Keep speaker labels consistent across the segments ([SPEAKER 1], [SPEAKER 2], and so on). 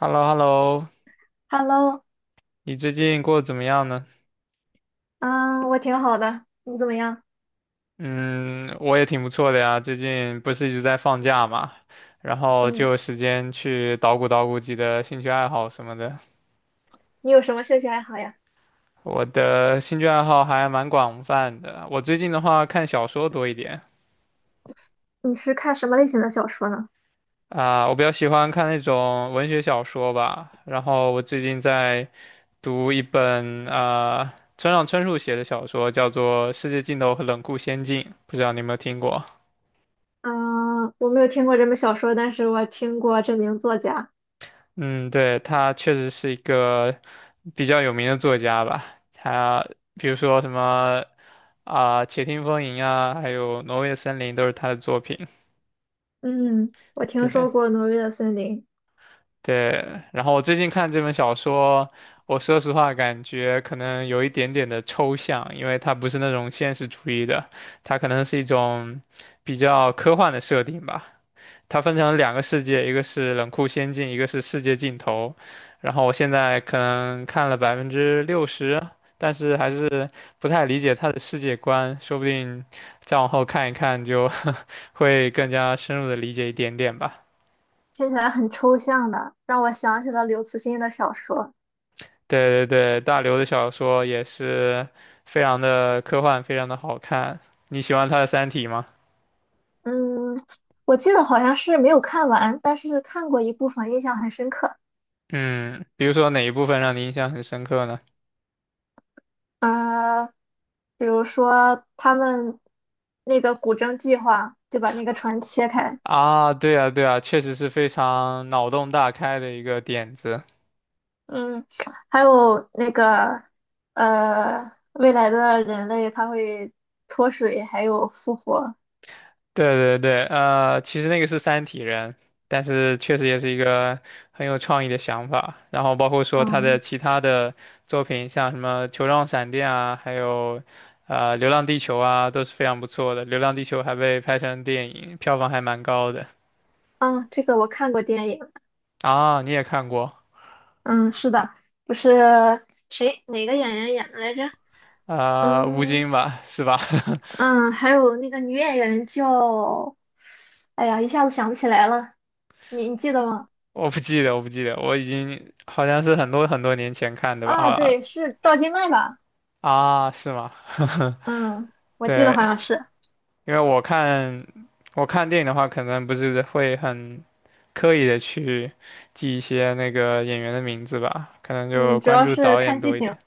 [SPEAKER 1] h e l l o h e l l o
[SPEAKER 2] Hello，
[SPEAKER 1] 你最近过得怎么样呢？
[SPEAKER 2] 嗯，我挺好的，你怎么样？
[SPEAKER 1] 嗯，我也挺不错的呀，最近不是一直在放假嘛，然后就
[SPEAKER 2] 嗯，
[SPEAKER 1] 有时间去捣鼓捣鼓自己的兴趣爱好什么的。
[SPEAKER 2] 你有什么兴趣爱好呀？
[SPEAKER 1] 我的兴趣爱好还蛮广泛的，我最近的话看小说多一点。
[SPEAKER 2] 你是看什么类型的小说呢？
[SPEAKER 1] 啊，我比较喜欢看那种文学小说吧，然后我最近在读一本啊村上春树写的小说，叫做《世界尽头和冷酷仙境》，不知道你有没有听过？
[SPEAKER 2] 嗯，我没有听过这本小说，但是我听过这名作家。
[SPEAKER 1] 嗯，对，他确实是一个比较有名的作家吧。他比如说什么啊，且听风吟》啊，还有《挪威的森林》都是他的作品。
[SPEAKER 2] 嗯，我听
[SPEAKER 1] 对
[SPEAKER 2] 说过《挪威的森林》，
[SPEAKER 1] 对，然后我最近看这本小说，我说实话感觉可能有一点点的抽象，因为它不是那种现实主义的，它可能是一种比较科幻的设定吧。它分成两个世界，一个是冷酷仙境，一个是世界尽头。然后我现在可能看了60%，但是还是不太理解它的世界观，说不定再往后看一看就 会更加深入的理解一点点吧。
[SPEAKER 2] 听起来很抽象的，让我想起了刘慈欣的小说。
[SPEAKER 1] 对对对，大刘的小说也是非常的科幻，非常的好看。你喜欢他的《三体》吗？
[SPEAKER 2] 嗯，我记得好像是没有看完，但是看过一部分，印象很深刻。
[SPEAKER 1] 嗯，比如说哪一部分让你印象很深刻呢？
[SPEAKER 2] 呃，比如说他们那个古筝计划，就把那个船切开。
[SPEAKER 1] 啊，对啊，对啊，确实是非常脑洞大开的一个点子。
[SPEAKER 2] 嗯，还有那个未来的人类他会脱水，还有复活。
[SPEAKER 1] 对对对，其实那个是三体人，但是确实也是一个很有创意的想法。然后包括说他的
[SPEAKER 2] 嗯
[SPEAKER 1] 其他的作品，像什么《球状闪电》啊，还有《流浪地球》啊，都是非常不错的。《流浪地球》还被拍成电影，票房还蛮高的
[SPEAKER 2] 嗯，这个我看过电影。
[SPEAKER 1] 啊。你也看过？
[SPEAKER 2] 嗯，是的，不是谁哪个演员演的来着？
[SPEAKER 1] 啊？吴
[SPEAKER 2] 嗯
[SPEAKER 1] 京吧，是吧？
[SPEAKER 2] 嗯，还有那个女演员叫，哎呀，一下子想不起来了。你记得吗？
[SPEAKER 1] 我不记得，我不记得，我已经好像是很多很多年前看的吧？
[SPEAKER 2] 啊，
[SPEAKER 1] 啊
[SPEAKER 2] 对，是赵今麦吧？
[SPEAKER 1] 啊，是吗？
[SPEAKER 2] 嗯，我记得好
[SPEAKER 1] 对，
[SPEAKER 2] 像是。
[SPEAKER 1] 因为我看电影的话，可能不是会很刻意的去记一些那个演员的名字吧，可能
[SPEAKER 2] 嗯，
[SPEAKER 1] 就
[SPEAKER 2] 主
[SPEAKER 1] 关
[SPEAKER 2] 要
[SPEAKER 1] 注
[SPEAKER 2] 是
[SPEAKER 1] 导
[SPEAKER 2] 看
[SPEAKER 1] 演
[SPEAKER 2] 剧
[SPEAKER 1] 多一
[SPEAKER 2] 情。
[SPEAKER 1] 点。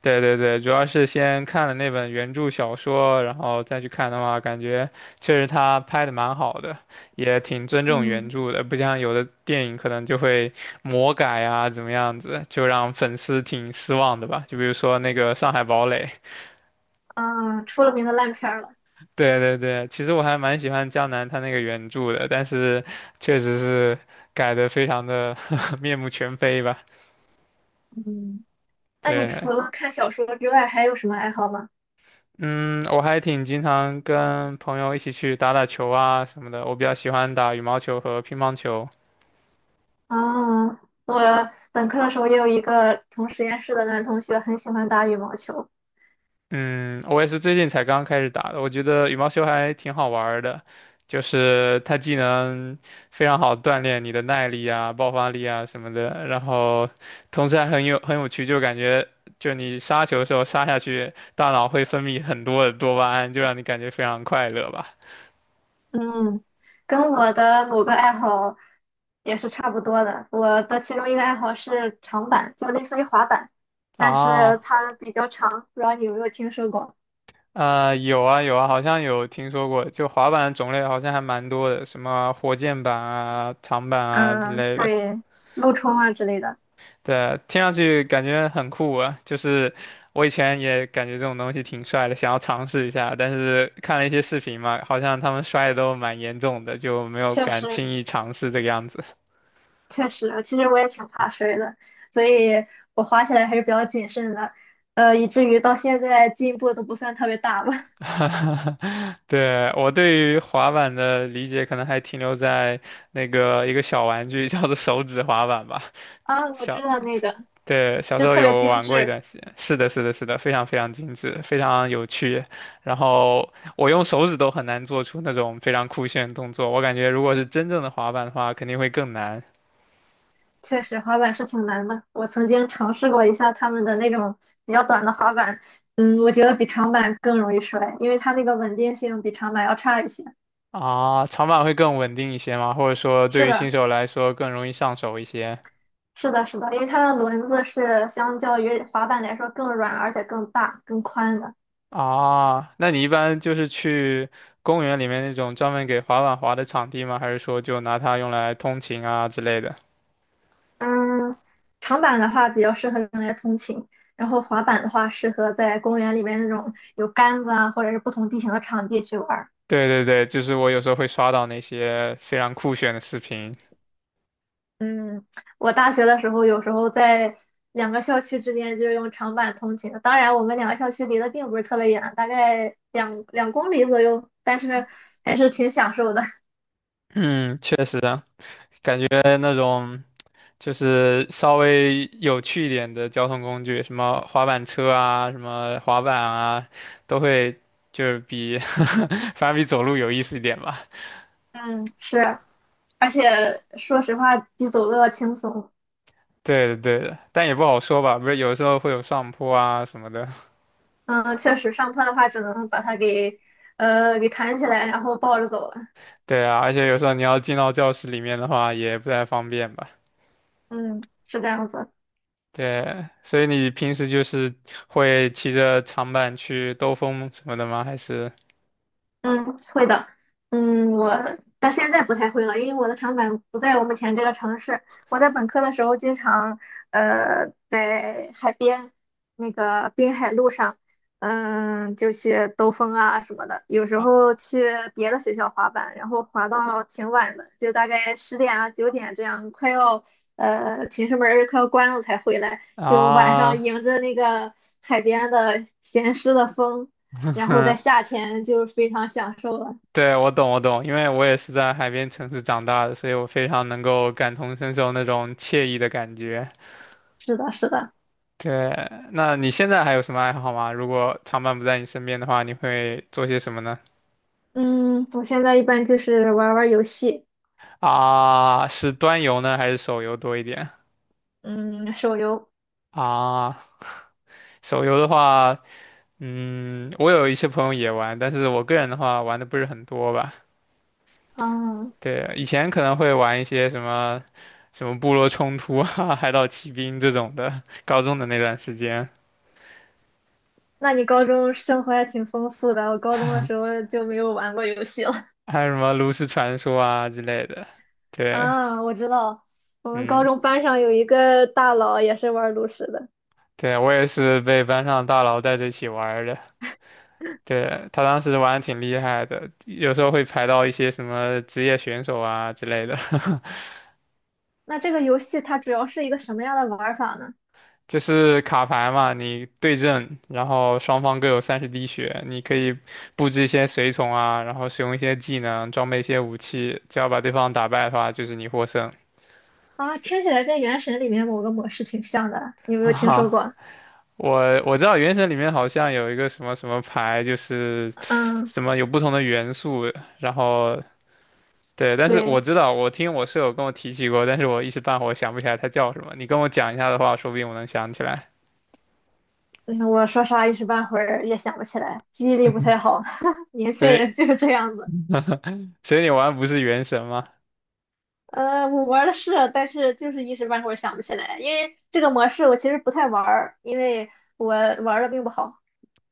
[SPEAKER 1] 对对对，主要是先看了那本原著小说，然后再去看的话，感觉确实他拍的蛮好的，也挺尊重原
[SPEAKER 2] 嗯
[SPEAKER 1] 著的，不像有的电影可能就会魔改啊，怎么样子，就让粉丝挺失望的吧。就比如说那个《上海堡垒》。
[SPEAKER 2] 嗯，出了名的烂片儿了。
[SPEAKER 1] 对对对，其实我还蛮喜欢江南他那个原著的，但是确实是改的非常的 面目全非吧。
[SPEAKER 2] 嗯。那你除
[SPEAKER 1] 对，
[SPEAKER 2] 了看小说之外，还有什么爱好吗？
[SPEAKER 1] 嗯，我还挺经常跟朋友一起去打打球啊什么的，我比较喜欢打羽毛球和乒乓球。
[SPEAKER 2] 啊，我本科的时候也有一个同实验室的男同学，很喜欢打羽毛球。
[SPEAKER 1] 嗯，我也是最近才刚开始打的，我觉得羽毛球还挺好玩儿的，就是它既能非常好锻炼你的耐力啊、爆发力啊什么的，然后同时还很有很有趣，就感觉就你杀球的时候杀下去，大脑会分泌很多的多巴胺，就让你感觉非常快乐吧。
[SPEAKER 2] 嗯，跟我的某个爱好也是差不多的。我的其中一个爱好是长板，就类似于滑板，但是
[SPEAKER 1] 啊，
[SPEAKER 2] 它比较长，不知道你有没有听说过？
[SPEAKER 1] 有啊有啊，好像有听说过，就滑板的种类好像还蛮多的，什么火箭板啊、长板啊之
[SPEAKER 2] 嗯，
[SPEAKER 1] 类的。
[SPEAKER 2] 对，陆冲啊之类的，
[SPEAKER 1] 对啊，听上去感觉很酷啊，就是我以前也感觉这种东西挺帅的，想要尝试一下，但是看了一些视频嘛，好像他们摔的都蛮严重的，就没有
[SPEAKER 2] 确
[SPEAKER 1] 敢
[SPEAKER 2] 实。
[SPEAKER 1] 轻易尝试这个样子。
[SPEAKER 2] 确实，其实我也挺怕摔的，所以我滑起来还是比较谨慎的，以至于到现在进步都不算特别大吧。
[SPEAKER 1] 对，我对于滑板的理解可能还停留在那个一个小玩具叫做手指滑板吧。
[SPEAKER 2] 啊，我知
[SPEAKER 1] 小。
[SPEAKER 2] 道那个，
[SPEAKER 1] 对，小时
[SPEAKER 2] 就
[SPEAKER 1] 候
[SPEAKER 2] 特别
[SPEAKER 1] 有
[SPEAKER 2] 精
[SPEAKER 1] 玩过一
[SPEAKER 2] 致，
[SPEAKER 1] 段时间，是的，是的，是的，非常非常精致，非常有趣。然后我用手指都很难做出那种非常酷炫的动作，我感觉如果是真正的滑板的话，肯定会更难。
[SPEAKER 2] 确实滑板是挺难的。我曾经尝试过一下他们的那种比较短的滑板，嗯，我觉得比长板更容易摔，因为它那个稳定性比长板要差一些。
[SPEAKER 1] 啊。长板会更稳定一些吗？或者说
[SPEAKER 2] 是
[SPEAKER 1] 对于新
[SPEAKER 2] 的，
[SPEAKER 1] 手来说更容易上手一些。
[SPEAKER 2] 是的，是的，因为它的轮子是相较于滑板来说更软，而且更大、更宽的。
[SPEAKER 1] 啊？那你一般就是去公园里面那种专门给滑板滑的场地吗？还是说就拿它用来通勤啊之类的？
[SPEAKER 2] 嗯，长板的话比较适合用来通勤，然后滑板的话适合在公园里面那种有杆子啊，或者是不同地形的场地去玩儿。
[SPEAKER 1] 对对对，就是我有时候会刷到那些非常酷炫的视频。
[SPEAKER 2] 嗯，我大学的时候有时候在两个校区之间就用长板通勤的，当然我们两个校区离得并不是特别远，大概两公里左右，但是还是挺享受的。
[SPEAKER 1] 嗯，确实啊，感觉那种就是稍微有趣一点的交通工具，什么滑板车啊，什么滑板啊，都会就是比 反正比走路有意思一点吧。
[SPEAKER 2] 嗯，是，而且说实话比走路要轻松。
[SPEAKER 1] 对的，对的，但也不好说吧，不是有时候会有上坡啊什么的。
[SPEAKER 2] 嗯，确实上坡的话只能把它给给弹起来，然后抱着走了。
[SPEAKER 1] 对啊，而且有时候你要进到教室里面的话，也不太方便吧。
[SPEAKER 2] 嗯，是这样子。
[SPEAKER 1] 对，所以你平时就是会骑着长板去兜风什么的吗？还是
[SPEAKER 2] 嗯，会的。嗯，我到现在不太会了，因为我的长板不在我目前这个城市。我在本科的时候，经常在海边那个滨海路上，嗯，就去兜风啊什么的。有时
[SPEAKER 1] 啊
[SPEAKER 2] 候去别的学校滑板，然后滑到挺晚的，就大概10点啊9点这样，快要寝室门儿快要关了才回来，就晚上
[SPEAKER 1] 啊？
[SPEAKER 2] 迎着那个海边的咸湿的风。然后在 夏天就非常享受了。
[SPEAKER 1] 对，我懂，我懂，因为我也是在海边城市长大的，所以我非常能够感同身受那种惬意的感觉。
[SPEAKER 2] 是的，是的，
[SPEAKER 1] 对，那你现在还有什么爱好吗？如果长伴不在你身边的话，你会做些什么呢？
[SPEAKER 2] 嗯，我现在一般就是玩儿玩儿游戏，
[SPEAKER 1] 啊，是端游呢，还是手游多一点？
[SPEAKER 2] 嗯，手游，
[SPEAKER 1] 啊，手游的话，嗯，我有一些朋友也玩，但是我个人的话玩的不是很多吧。
[SPEAKER 2] 嗯，
[SPEAKER 1] 对，以前可能会玩一些什么，什么部落冲突啊、海岛奇兵这种的，高中的那段时间。
[SPEAKER 2] 那你高中生活还挺丰富的，我高中的时候就没有玩过游戏了。
[SPEAKER 1] 还有什么炉石传说啊之类的。对，
[SPEAKER 2] 啊，我知道，我们高
[SPEAKER 1] 嗯，
[SPEAKER 2] 中班上有一个大佬也是玩炉石的。
[SPEAKER 1] 对，我也是被班上大佬带着一起玩儿的。对，他当时玩的挺厉害的，有时候会排到一些什么职业选手啊之类的，
[SPEAKER 2] 那这个游戏它主要是一个什么样的玩儿法呢？
[SPEAKER 1] 就是卡牌嘛，你对阵，然后双方各有30滴血，你可以布置一些随从啊，然后使用一些技能，装备一些武器，只要把对方打败的话，就是你获胜。
[SPEAKER 2] 啊，听起来跟《原神》里面某个模式挺像的，你 有没
[SPEAKER 1] 哈
[SPEAKER 2] 有听说
[SPEAKER 1] 哈，
[SPEAKER 2] 过？
[SPEAKER 1] 我知道原神里面好像有一个什么什么牌，就是
[SPEAKER 2] 嗯，
[SPEAKER 1] 什么有不同的元素，然后对，但是
[SPEAKER 2] 对。
[SPEAKER 1] 我知道，我听我舍友跟我提起过，但是我一时半会儿想不起来它叫什么。你跟我讲一下的话，说不定我能想起来。
[SPEAKER 2] 嗯，我说啥一时半会儿也想不起来，记忆力不太好，年
[SPEAKER 1] 所
[SPEAKER 2] 轻
[SPEAKER 1] 以
[SPEAKER 2] 人就是这样子。
[SPEAKER 1] 所以你玩不是原神吗？
[SPEAKER 2] 我玩的是，但是就是一时半会儿想不起来，因为这个模式我其实不太玩儿，因为我玩的并不好。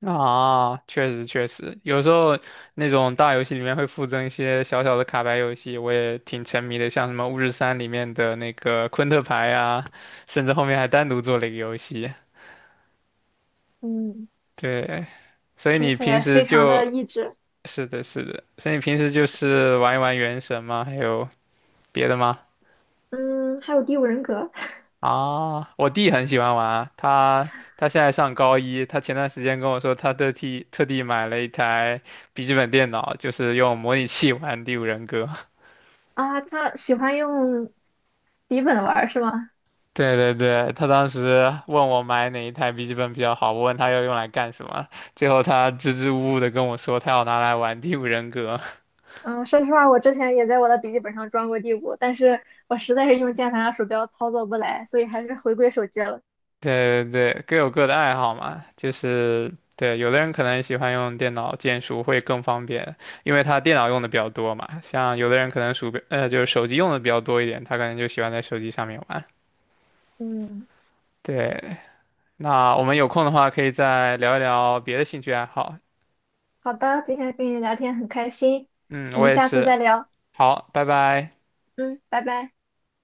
[SPEAKER 1] 啊，确实确实，有时候那种大游戏里面会附赠一些小小的卡牌游戏，我也挺沉迷的，像什么《巫师三》里面的那个昆特牌啊，甚至后面还单独做了一个游戏。
[SPEAKER 2] 嗯，
[SPEAKER 1] 对，所以
[SPEAKER 2] 听
[SPEAKER 1] 你
[SPEAKER 2] 起
[SPEAKER 1] 平
[SPEAKER 2] 来
[SPEAKER 1] 时
[SPEAKER 2] 非常的
[SPEAKER 1] 就
[SPEAKER 2] 益智。
[SPEAKER 1] 是的，是的，所以你平时就是玩一玩原神吗？还有别的吗？
[SPEAKER 2] 嗯，还有第五人格
[SPEAKER 1] 啊，我弟很喜欢玩啊他现在上高一，他前段时间跟我说，他特地特地买了一台笔记本电脑，就是用模拟器玩《第五人格》。
[SPEAKER 2] 啊，他喜欢用笔本玩儿是吗？
[SPEAKER 1] 对对对，他当时问我买哪一台笔记本比较好，我问他要用来干什么，最后他支支吾吾的跟我说，他要拿来玩《第五人格》。
[SPEAKER 2] 嗯，说实话，我之前也在我的笔记本上装过第五，但是我实在是用键盘和鼠标操作不来，所以还是回归手机了。
[SPEAKER 1] 对对对，各有各的爱好嘛，就是对，有的人可能喜欢用电脑键鼠会更方便，因为他电脑用的比较多嘛。像有的人可能鼠标，就是手机用的比较多一点，他可能就喜欢在手机上面玩。
[SPEAKER 2] 嗯。
[SPEAKER 1] 对，那我们有空的话可以再聊一聊别的兴趣爱好。
[SPEAKER 2] 好的，今天跟你聊天很开心，
[SPEAKER 1] 嗯，
[SPEAKER 2] 我
[SPEAKER 1] 我
[SPEAKER 2] 们
[SPEAKER 1] 也
[SPEAKER 2] 下次再
[SPEAKER 1] 是。
[SPEAKER 2] 聊。
[SPEAKER 1] 好，拜拜。
[SPEAKER 2] 嗯，拜拜。